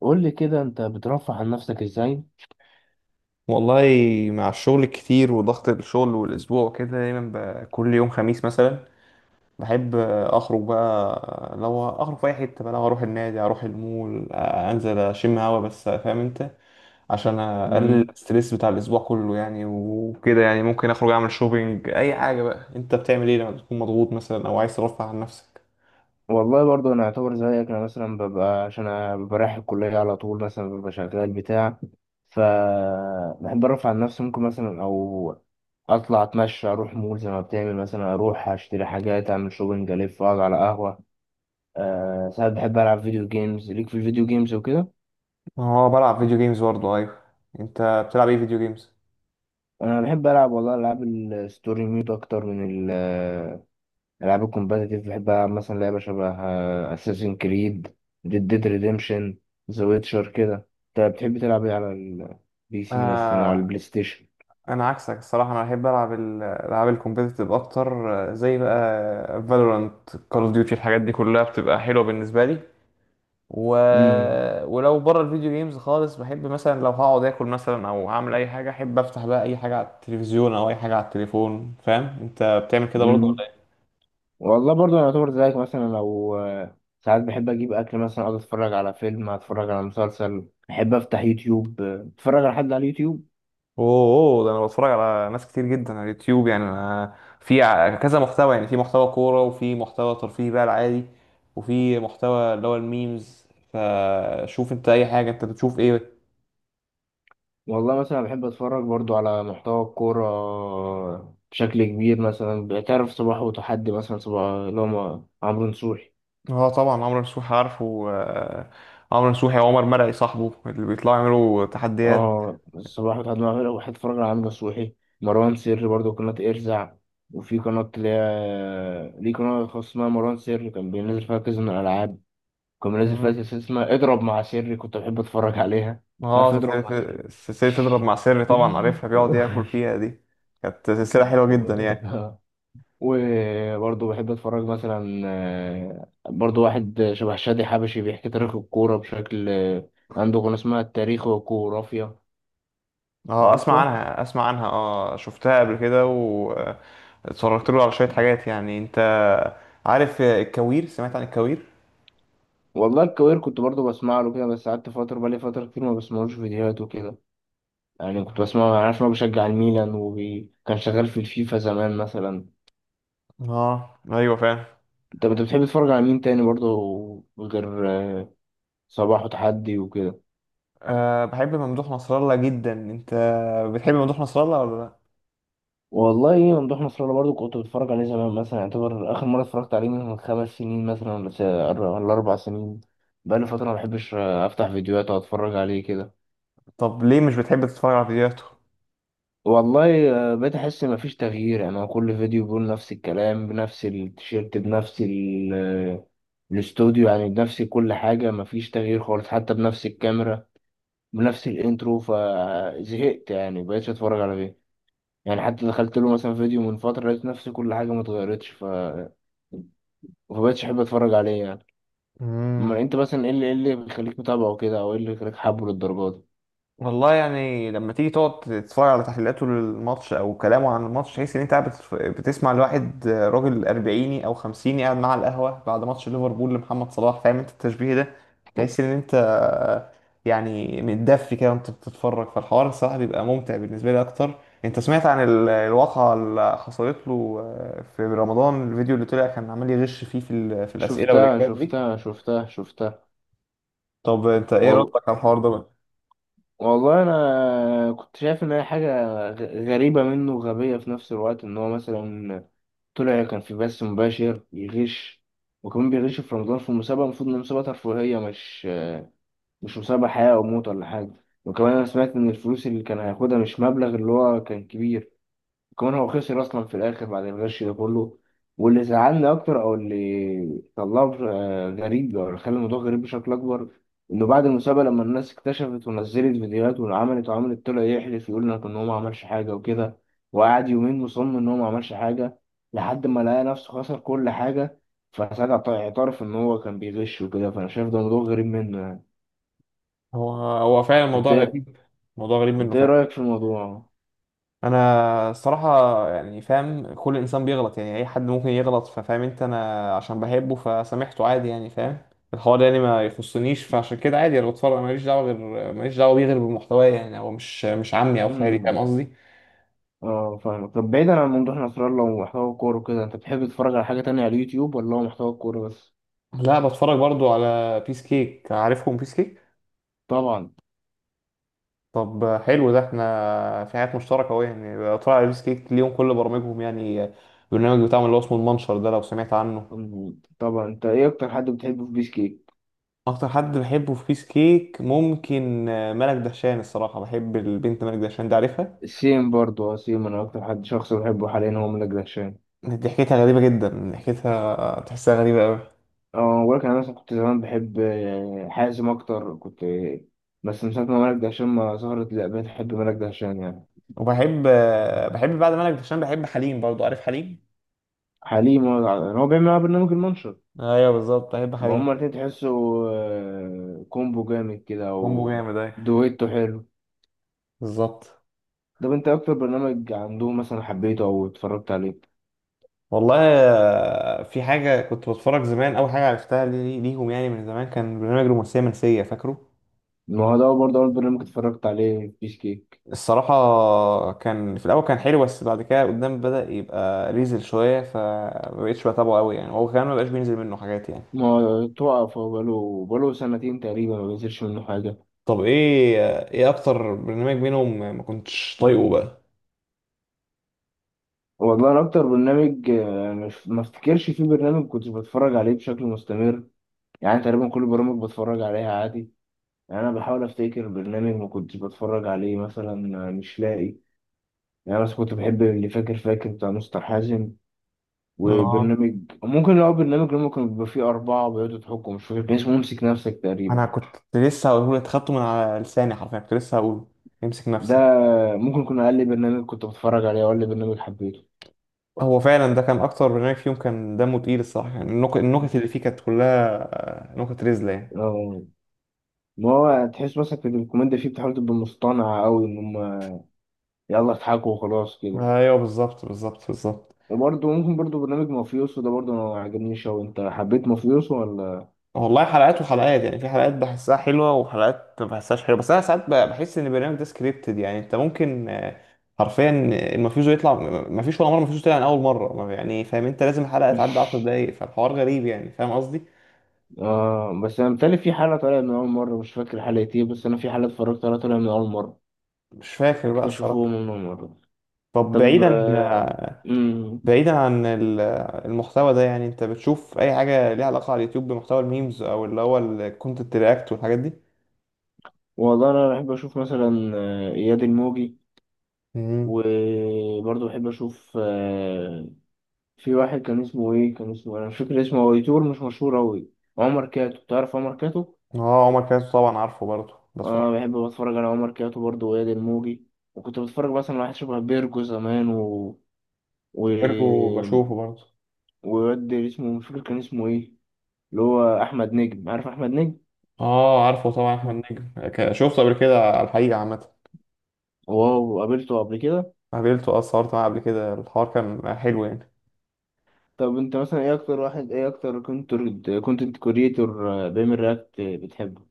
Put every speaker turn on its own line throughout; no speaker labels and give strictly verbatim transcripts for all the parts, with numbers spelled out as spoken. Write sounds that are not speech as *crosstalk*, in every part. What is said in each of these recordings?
قول لي كده انت بترفه عن نفسك ازاي؟
والله، مع الشغل الكتير وضغط الشغل والاسبوع كده دايما ب- كل يوم خميس مثلا بحب اخرج بقى. لو اخرج في اي حته بقى، لو اروح النادي اروح المول انزل اشم هوا بس، فاهم انت؟ عشان اقلل
مم.
الستريس بتاع الاسبوع كله يعني وكده، يعني ممكن اخرج اعمل شوبينج اي حاجه بقى. انت بتعمل ايه لما تكون مضغوط مثلا او عايز ترفع عن نفسك؟
والله برضه انا اعتبر زيك. انا مثلا ببقى، عشان انا ببقى رايح الكليه على طول، مثلا ببقى شغال بتاع، ف بحب ارفع عن نفسي، ممكن مثلا او اطلع اتمشى، اروح مول زي ما بتعمل، مثلا اروح اشتري حاجات، اعمل شوبنج، الف، اقعد على قهوه. أه، ساعات بحب العب فيديو جيمز، ليك في الفيديو جيمز وكده.
هو بلعب فيديو جيمز برضه، ايوه. انت بتلعب ايه فيديو جيمز؟
انا بحب العب والله العاب الستوري مود اكتر من العاب الكومباتيتيف. بحب العب مثلا لعبه شبه اساسين كريد، ديد ديد ريديمشن، ذا ويتشر كده. انت بتحب تلعب ايه على البي سي مثلا او على البلاي ستيشن؟
انا عكسك الصراحه، انا بحب العب الالعاب الكومبيتيتيف اكتر. آه، زي بقى فالورانت، كول اوف ديوتي، الحاجات دي كلها بتبقى حلوه بالنسبه لي. و...
امم
مم. ولو بره الفيديو جيمز خالص بحب مثلا، لو هقعد اكل مثلا او هعمل اي حاجه احب افتح بقى اي حاجه على التلفزيون او اي حاجه على التليفون. فاهم انت؟ بتعمل كده برضه؟
امم والله برضه انا اعتبر زيك. مثلا لو آه، ساعات بحب اجيب اكل، مثلا اقعد اتفرج على فيلم، اتفرج على مسلسل، بحب افتح يوتيوب، آه، اتفرج على حد على اليوتيوب.
اوه، ده انا بتفرج على ناس كتير جدا على اليوتيوب يعني. انا في ع- كذا محتوى يعني، في محتوى كورة وفي محتوى ترفيهي بقى العادي، وفي محتوى اللي هو الميمز. فشوف انت اي حاجة، انت بتشوف ايه؟
والله مثلا بحب اتفرج برضو على محتوى الكورة بشكل كبير. مثلا بتعرف صباح وتحدي، مثلا صباح اللي هو عمرو نصوحي.
اه طبعا عمرو نصوحي عارفه آه، عمرو نصوحي وعمر مرعي صاحبه اللي بيطلعوا يعملوا تحديات.
اه صباح وتحد، معامل وحيد، اتفرج على عامر نصوحي. مروان سري برضه قناة ارزع، وفي قناة اللي هي ليه قناة خاصة اسمها مروان سري، كان بينزل فيها كذا من الألعاب، كان بينزل فيها
مم.
سلسلة اسمها اضرب مع سري، كنت بحب اتفرج عليها. عارف
اه
اضرب مع سري.
سلسلة سلسلة تضرب مع سري طبعا عارفها، بيقعد ياكل
*laughs*
فيها دي. كانت سلسلة حلوة جدا يعني.
و- وبرضه بحب اتفرج مثلا آه، برضه واحد شبه شادي حبشي بيحكي تاريخ الكورة بشكل، آه، عنده قناة اسمها التاريخ والجغرافيا.
اه اسمع
عارفها؟
عنها اسمع عنها اه، شفتها قبل كده واتفرجت له على شوية حاجات يعني. انت عارف الكوير؟ سمعت عن الكوير؟
والله الكوير كنت برضو بسمع له كده، بس قعدت فترة، بقالي فترة كتير ما بسمعلوش فيديوهات وكده يعني. كنت بسمعه، أنا عارف إن هو بيشجع الميلان وكان شغال في الفيفا زمان مثلا.
اه ايوه فعلا.
أنت أنت بتحب تتفرج على مين تاني برضو غير آه، صباح وتحدي وكده؟
أه، بحب ممدوح نصر الله جدا. انت بتحب ممدوح نصر الله ولا لا؟
والله ممدوح نصر الله برضو كنت بتفرج عليه زمان مثلا. يعتبر آخر مرة اتفرجت عليه من خمس سنين مثلا، ولا س- ولا أربع سنين. بقالي فترة ما بحبش آه، أفتح فيديوهات وأتفرج عليه كده.
طب ليه مش بتحب تتفرج على فيديوهاته؟
والله آه، بقيت احس مفيش تغيير. يعني هو كل فيديو بيقول نفس الكلام بنفس التيشيرت بنفس ال- آه، الاستوديو، يعني بنفس كل حاجة، مفيش تغيير خالص، حتى بنفس الكاميرا بنفس الانترو. فزهقت يعني، مبقتش اتفرج على فيديو يعني. حتى دخلت له مثلا فيديو من فترة، لقيت نفس كل حاجة متغيرتش، ف فمبقتش احب اتفرج عليه يعني. اما انت مثلا ايه اللي ايه اللي بيخليك متابعه كده، او ايه اللي بيخليك حابه للدرجة؟
والله يعني لما تيجي تقعد تتفرج على تحليلاته للماتش او كلامه عن الماتش، تحس ان انت قاعد بتتف- بتسمع لواحد راجل اربعيني او خمسيني قاعد معاه على القهوه بعد ماتش ليفربول لمحمد صلاح. فاهم انت التشبيه ده؟ تحس ان انت يعني متدفي كده وانت بتتفرج، فالحوار الصراحه بيبقى ممتع بالنسبه لي اكتر. انت سمعت عن ال- الواقعه اللي حصلت له في رمضان؟ الفيديو اللي طلع كان عمال يغش فيه في ال- في
دي
الاسئله
شفتها
والاجابات دي.
شفتها شفتها شفتها.
طب انت ايه
والله
ردك على الحوار ده؟
والله انا كنت شايف ان هي حاجه غ- غريبه منه وغبيه في نفس الوقت. ان هو مثلا طلع كان في بث مباشر يغش، وكمان بيغش في رمضان في مسابقه، المفروض ان مسابقه ترفيهيه، مش مش مسابقه حياه او موت ولا حاجه. وكمان انا سمعت ان الفلوس اللي كان هياخدها مش مبلغ اللي هو كان كبير، كمان هو خسر اصلا في الاخر بعد الغش ده كله. واللي زعلني اكتر، او اللي طلعه آه، غريب، او اللي خلى الموضوع غريب بشكل اكبر، انه بعد المسابقه لما الناس اكتشفت ونزلت فيديوهات وعملت وعملت، طلع يحلف يقول لك ان هو ما عملش حاجه وكده، وقعد يومين مصمم ان هو ما عملش حاجه، لحد ما لقى نفسه خسر كل حاجه. فساعتها اعت- اعترف ان هو كان بيغش وكده. فانا شايف ده موضوع غريب منه يعني.
هو هو فعلا
انت
موضوع
إيه،
غريب، موضوع غريب منه
انت ايه
فعلا.
رايك في الموضوع؟
انا الصراحه يعني فاهم كل انسان بيغلط يعني، اي حد ممكن يغلط. ففاهم انت، انا عشان بحبه فسامحته عادي يعني. فاهم؟ الحوار ده يعني ما يخصنيش، فعشان كده عادي انا بتفرج ماليش دعوه غير، ماليش دعوه بيه غير بالمحتوى يعني. هو مش مش عمي او خالي، فاهم قصدي؟
اه فاهمك. طب بعيدا عن موضوع نصر الله ومحتوى الكورة وكده، انت بتحب تتفرج على حاجة تانية على اليوتيوب ولا هو محتوى الكورة بس؟
لا، بتفرج برضو على بيس كيك. عارفهم بيس كيك؟
طبعا.
طب حلو ده، احنا في حاجات مشتركه اهو يعني. بتفرج على بيس كيك ليهم كل برامجهم يعني، البرنامج بتاعهم اللي هو اسمه المنشر ده، لو سمعت عنه.
أم، طبعا انت ايه اكتر حد بتحبه في بيس كيك؟
اكتر حد بحبه في بيس كيك ممكن آه، ملك دهشان الصراحه، بحب البنت ملك دهشان دي، عارفها؟
سيم برضه، اه سيم. انا اكتر حد شخص بحبه حاليا هو ملك دهشان.
ضحكتها غريبه جدا، ضحكتها تحسها غريبه قوي.
اه ولكن انا مثلا كنت زمان بحب آه، حازم اكتر. كنت آه، بس من ساعة ما ملك دهشان ما ظهرت، لا بقيت احب ملك دهشان يعني.
وبحب آه، بحب بعد ملك دهشان بحب حليم برضو. عارف حليم؟
حليم هو هو بيعمل معاه برنامج المنشط.
ايوه بالظبط، بحب
ما
حليم.
هما الاتنين تحسوا آه، كومبو جامد كده،
كومبو
او
جامد، ايوه
دويتو حلو.
بالظبط.
طب انت ايه اكتر برنامج عندهم مثلا حبيته او اتفرجت عليه؟
والله آه، في حاجه كنت بتفرج زمان، اول حاجه عرفتها لي- ليهم يعني من زمان، كان برنامج رومانسيه منسيه، فاكره؟
ما هو ده برضه اول برنامج اتفرجت عليه بيس كيك.
الصراحة كان في الأول كان حلو، بس بعد كده قدام بدأ يبقى ريزل شوية، فمبقتش بتابعه قوي يعني. هو كمان مبقاش بينزل منه حاجات يعني.
ما هو توقف. هو بقاله بقاله سنتين تقريبا ما بينزلش منه حاجة.
طب ايه، ايه أكتر برنامج منهم ما كنتش طايقه بقى؟
والله انا اكتر برنامج آه، مش، ما افتكرش في برنامج كنت بتفرج عليه بشكل مستمر. يعني تقريبا كل البرامج بتفرج عليها عادي. يعني انا بحاول افتكر برنامج ما كنتش بتفرج عليه مثلا، آه، مش لاقي. يعني انا بس كنت بحب اللي فاكر فاكر بتاع مستر حازم.
اه،
وبرنامج ممكن، لو برنامج اللي ممكن بيبقى فيه أربعة بيقعدوا يضحكوا، مش فاكر كان اسمه امسك نفسك تقريبا.
أنا كنت لسه هقوله لك، خدته من على لساني حرفيا. كنت لسه هقوله امسك
ده
نفسك.
ممكن يكون أقل برنامج كنت بتفرج عليه، أو أقل برنامج حبيته.
هو فعلا ده كان أكتر برنامج فيهم كان دمه تقيل الصراحة يعني. النك- النكت اللي فيه كانت كلها آه، نكت رزلة يعني.
اه ما هو تحس مثلا في الكوميديا فيه بتحاول تبقى مصطنعة أوي، إن هما يلا اضحكوا وخلاص كده.
آه، أيوه بالظبط بالظبط بالظبط.
وبرضه ممكن برضه برنامج مافيوسو ده برضه ما عجبنيش أوي. أنت حبيت مافيوسو ولا؟
والله حلقات وحلقات يعني، في حلقات بحسها حلوة وحلقات ما بحسهاش حلوة. بس أنا ساعات ب- بحس إن البرنامج ده سكريبتد يعني. أنت ممكن آه، حرفيا المفيش يطلع، مفيش ولا مرة مفيش طلع من أول مرة ما- يعني فاهم أنت، لازم الحلقة تعدي
*laughs*
عشر دقايق. فالحوار غريب يعني، فاهم قصدي؟
آه بس أنا متهيألي في حلقة طالعة من أول مرة، مش فاكر حلقة إيه، بس أنا في حلقة اتفرجت عليها طالعة من أول مرة.
مش فاكر بقى
بكتشفوه
الصراحة.
من أول مرة.
طب
طب
بعيدا
آه، مم.
بعيدا عن ال- المحتوى ده يعني، أنت بتشوف أي حاجة ليها علاقة على اليوتيوب بمحتوى الميمز أو اللي هو الكونتنت رياكت والحاجات دي؟
والله انا بحب اشوف مثلا آه، اياد الموجي.
امم.
وبرضه بحب اشوف آه، في واحد كان اسمه ايه، كان اسمه، انا مش فاكر اسمه، هو يوتيوبر مش مشهور اوي. عمر كاتو، تعرف عمر كاتو؟
اه عمر كاتب طبعا عارفه، برضه بتفرج
انا
عليه.
بحب اتفرج على عمر كاتو برضه واياد الموجي. وكنت بتفرج مثلا على واحد شبه بيرجو زمان و و
برضه، وبشوفه برضه.
وواد اسمه مش فاكر كان اسمه ايه، اللي هو احمد نجم. عارف احمد نجم؟
اه عارفه طبعا احمد
مم.
نجم، ك- شفته قبل كده على الحقيقة عامة.
واو، قابلته قبل كده؟
قابلته، اه، اتصورت معاه قبل كده، الحوار كان حلو يعني.
طب انت مثلا ايه اكتر واحد، ايه اكتر كنت، كونتنت كوريتور بيعمل رياكت بتحبه؟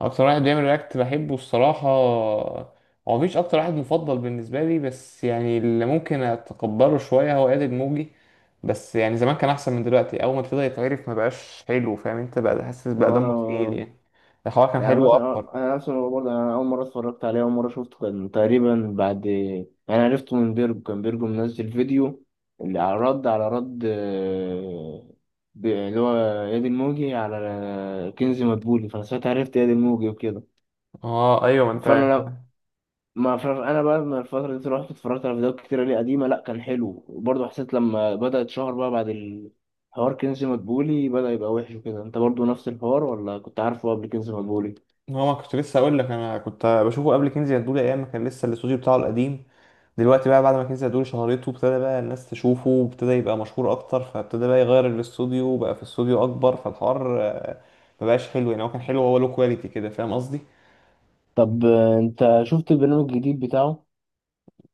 اكتر واحد بيعمل رياكت بحبه الصراحة، هو مفيش اكتر واحد مفضل بالنسبة لي، بس يعني اللي ممكن اتقبله شوية هو قادر موجي. بس يعني زمان كان احسن من دلوقتي، اول ما ابتدى يتعرف ما بقاش حلو. فاهم انت؟ بقى حاسس بقى
لو
دمه تقيل
انا
يعني، الحوار كان
يعني،
حلو اكتر.
مثلا انا نفسي، انا برضه يعني، انا اول مره اتفرجت عليه، اول مره شفته، كان تقريبا بعد، يعني انا عرفته من بيرجو، كان بيرجو منزل فيديو اللي على رد على رد آه، ب- اللي هو ياد الموجي على كنزي مدبولي. فانا ساعتها عرفت ياد الموجي وكده.
اه ايوه، ما انت
فانا ما ف- انا بقى من الفتره دي رحت اتفرجت على فيديوهات كتير ليه قديمه، لا كان حلو. وبرضه حسيت لما بدا اتشهر بقى بعد الحوار كنز مدبولي بدا يبقى وحش وكده. انت برضه نفس الحوار، ولا كنت عارفه قبل كنز مدبولي؟
هو ما كنت لسه اقول لك، انا كنت بشوفه قبل كنزي هدولي، ايام ما كان لسه الاستوديو بتاعه القديم. دلوقتي بقى بعد ما كنزي هدولي شهرته، ابتدى بقى الناس تشوفه وابتدى يبقى مشهور اكتر، فابتدى بقى يغير الاستوديو وبقى في استوديو اكبر، فالحوار آه، ما بقاش حلو يعني. هو كان حلو، هو له كواليتي كده، فاهم قصدي؟
طب آه، انت شفت البرنامج الجديد بتاعه؟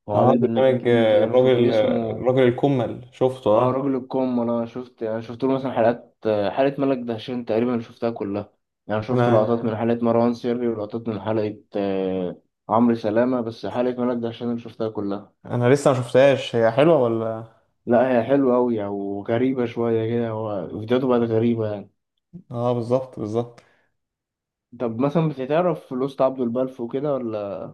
هو
اه
عامل برنامج
برنامج
جديد
آه،
كده مش فاكر
الراجل آه،
اسمه.
الراجل الكمل، شفته
اه
اه.
راجل الكوم. انا شفت، انا شفت له مثلا حلقات آه، حلقه ملك دهشان تقريبا شفتها كلها. يعني شفت لقطات من
انا
حلقه مروان سري ولقطات من حلقه آه، عمرو سلامه، بس حلقه ملك دهشان أنا شفتها كلها.
انا لسه ما شفتهاش، هي حلوه ولا؟
لا هي حلوة أوي يعني، وغريبة شوية كده. هو فيديوهاته بقت غريبة يعني.
اه بالظبط بالظبط.
طب مثلا بتتعرف لوست عبد البلف وكده ولا؟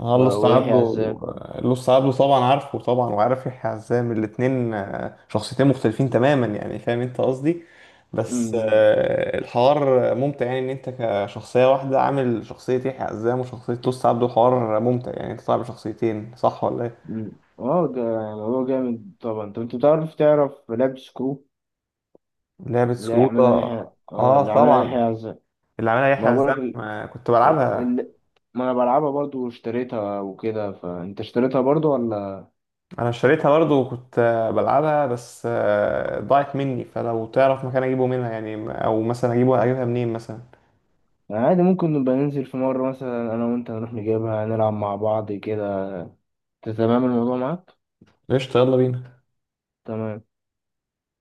اه
و-
لوست
ويحيى
عبده،
عزام؟
لوست عبده طبعا عارفه، طبعا، وعارف يحيى عزام. الاتنين آه، شخصيتين مختلفين تماما يعني، فاهم انت قصدي؟ بس
أمم،
آه، الحوار ممتع يعني، ان انت كشخصية واحدة عامل شخصية يحيى عزام وشخصية لوست عبده. الحوار ممتع يعني، انت طالع بشخصيتين، صح ولا ايه؟
أمم. اه ده يعني هو جامد طبعا. طب انت بتعرف، تعرف لاب سكرو
لعبة
اللي
سكروطة،
عملها يحيى؟ اه
اه
اللي عملها يحيى
طبعا،
عزام.
اللي عملها
ما
يحيى
أنا بقولك
عزام. آه، كنت
ال...
بلعبها.
ال... ما انا بلعبها برضو واشتريتها وكده. فانت اشتريتها برضو ولا؟
انا اشتريتها برضو وكنت آه، بلعبها، بس آه، ضاعت مني، فلو تعرف مكان اجيبه منها يعني، او مثلا اجيبه اجيبها منين مثلا.
يعني عادي، ممكن نبقى ننزل في مرة مثلا انا وانت، نروح نجيبها، نلعب مع بعض كده. انت تمام الموضوع معاك؟
قشطة، يلا بينا.
تمام.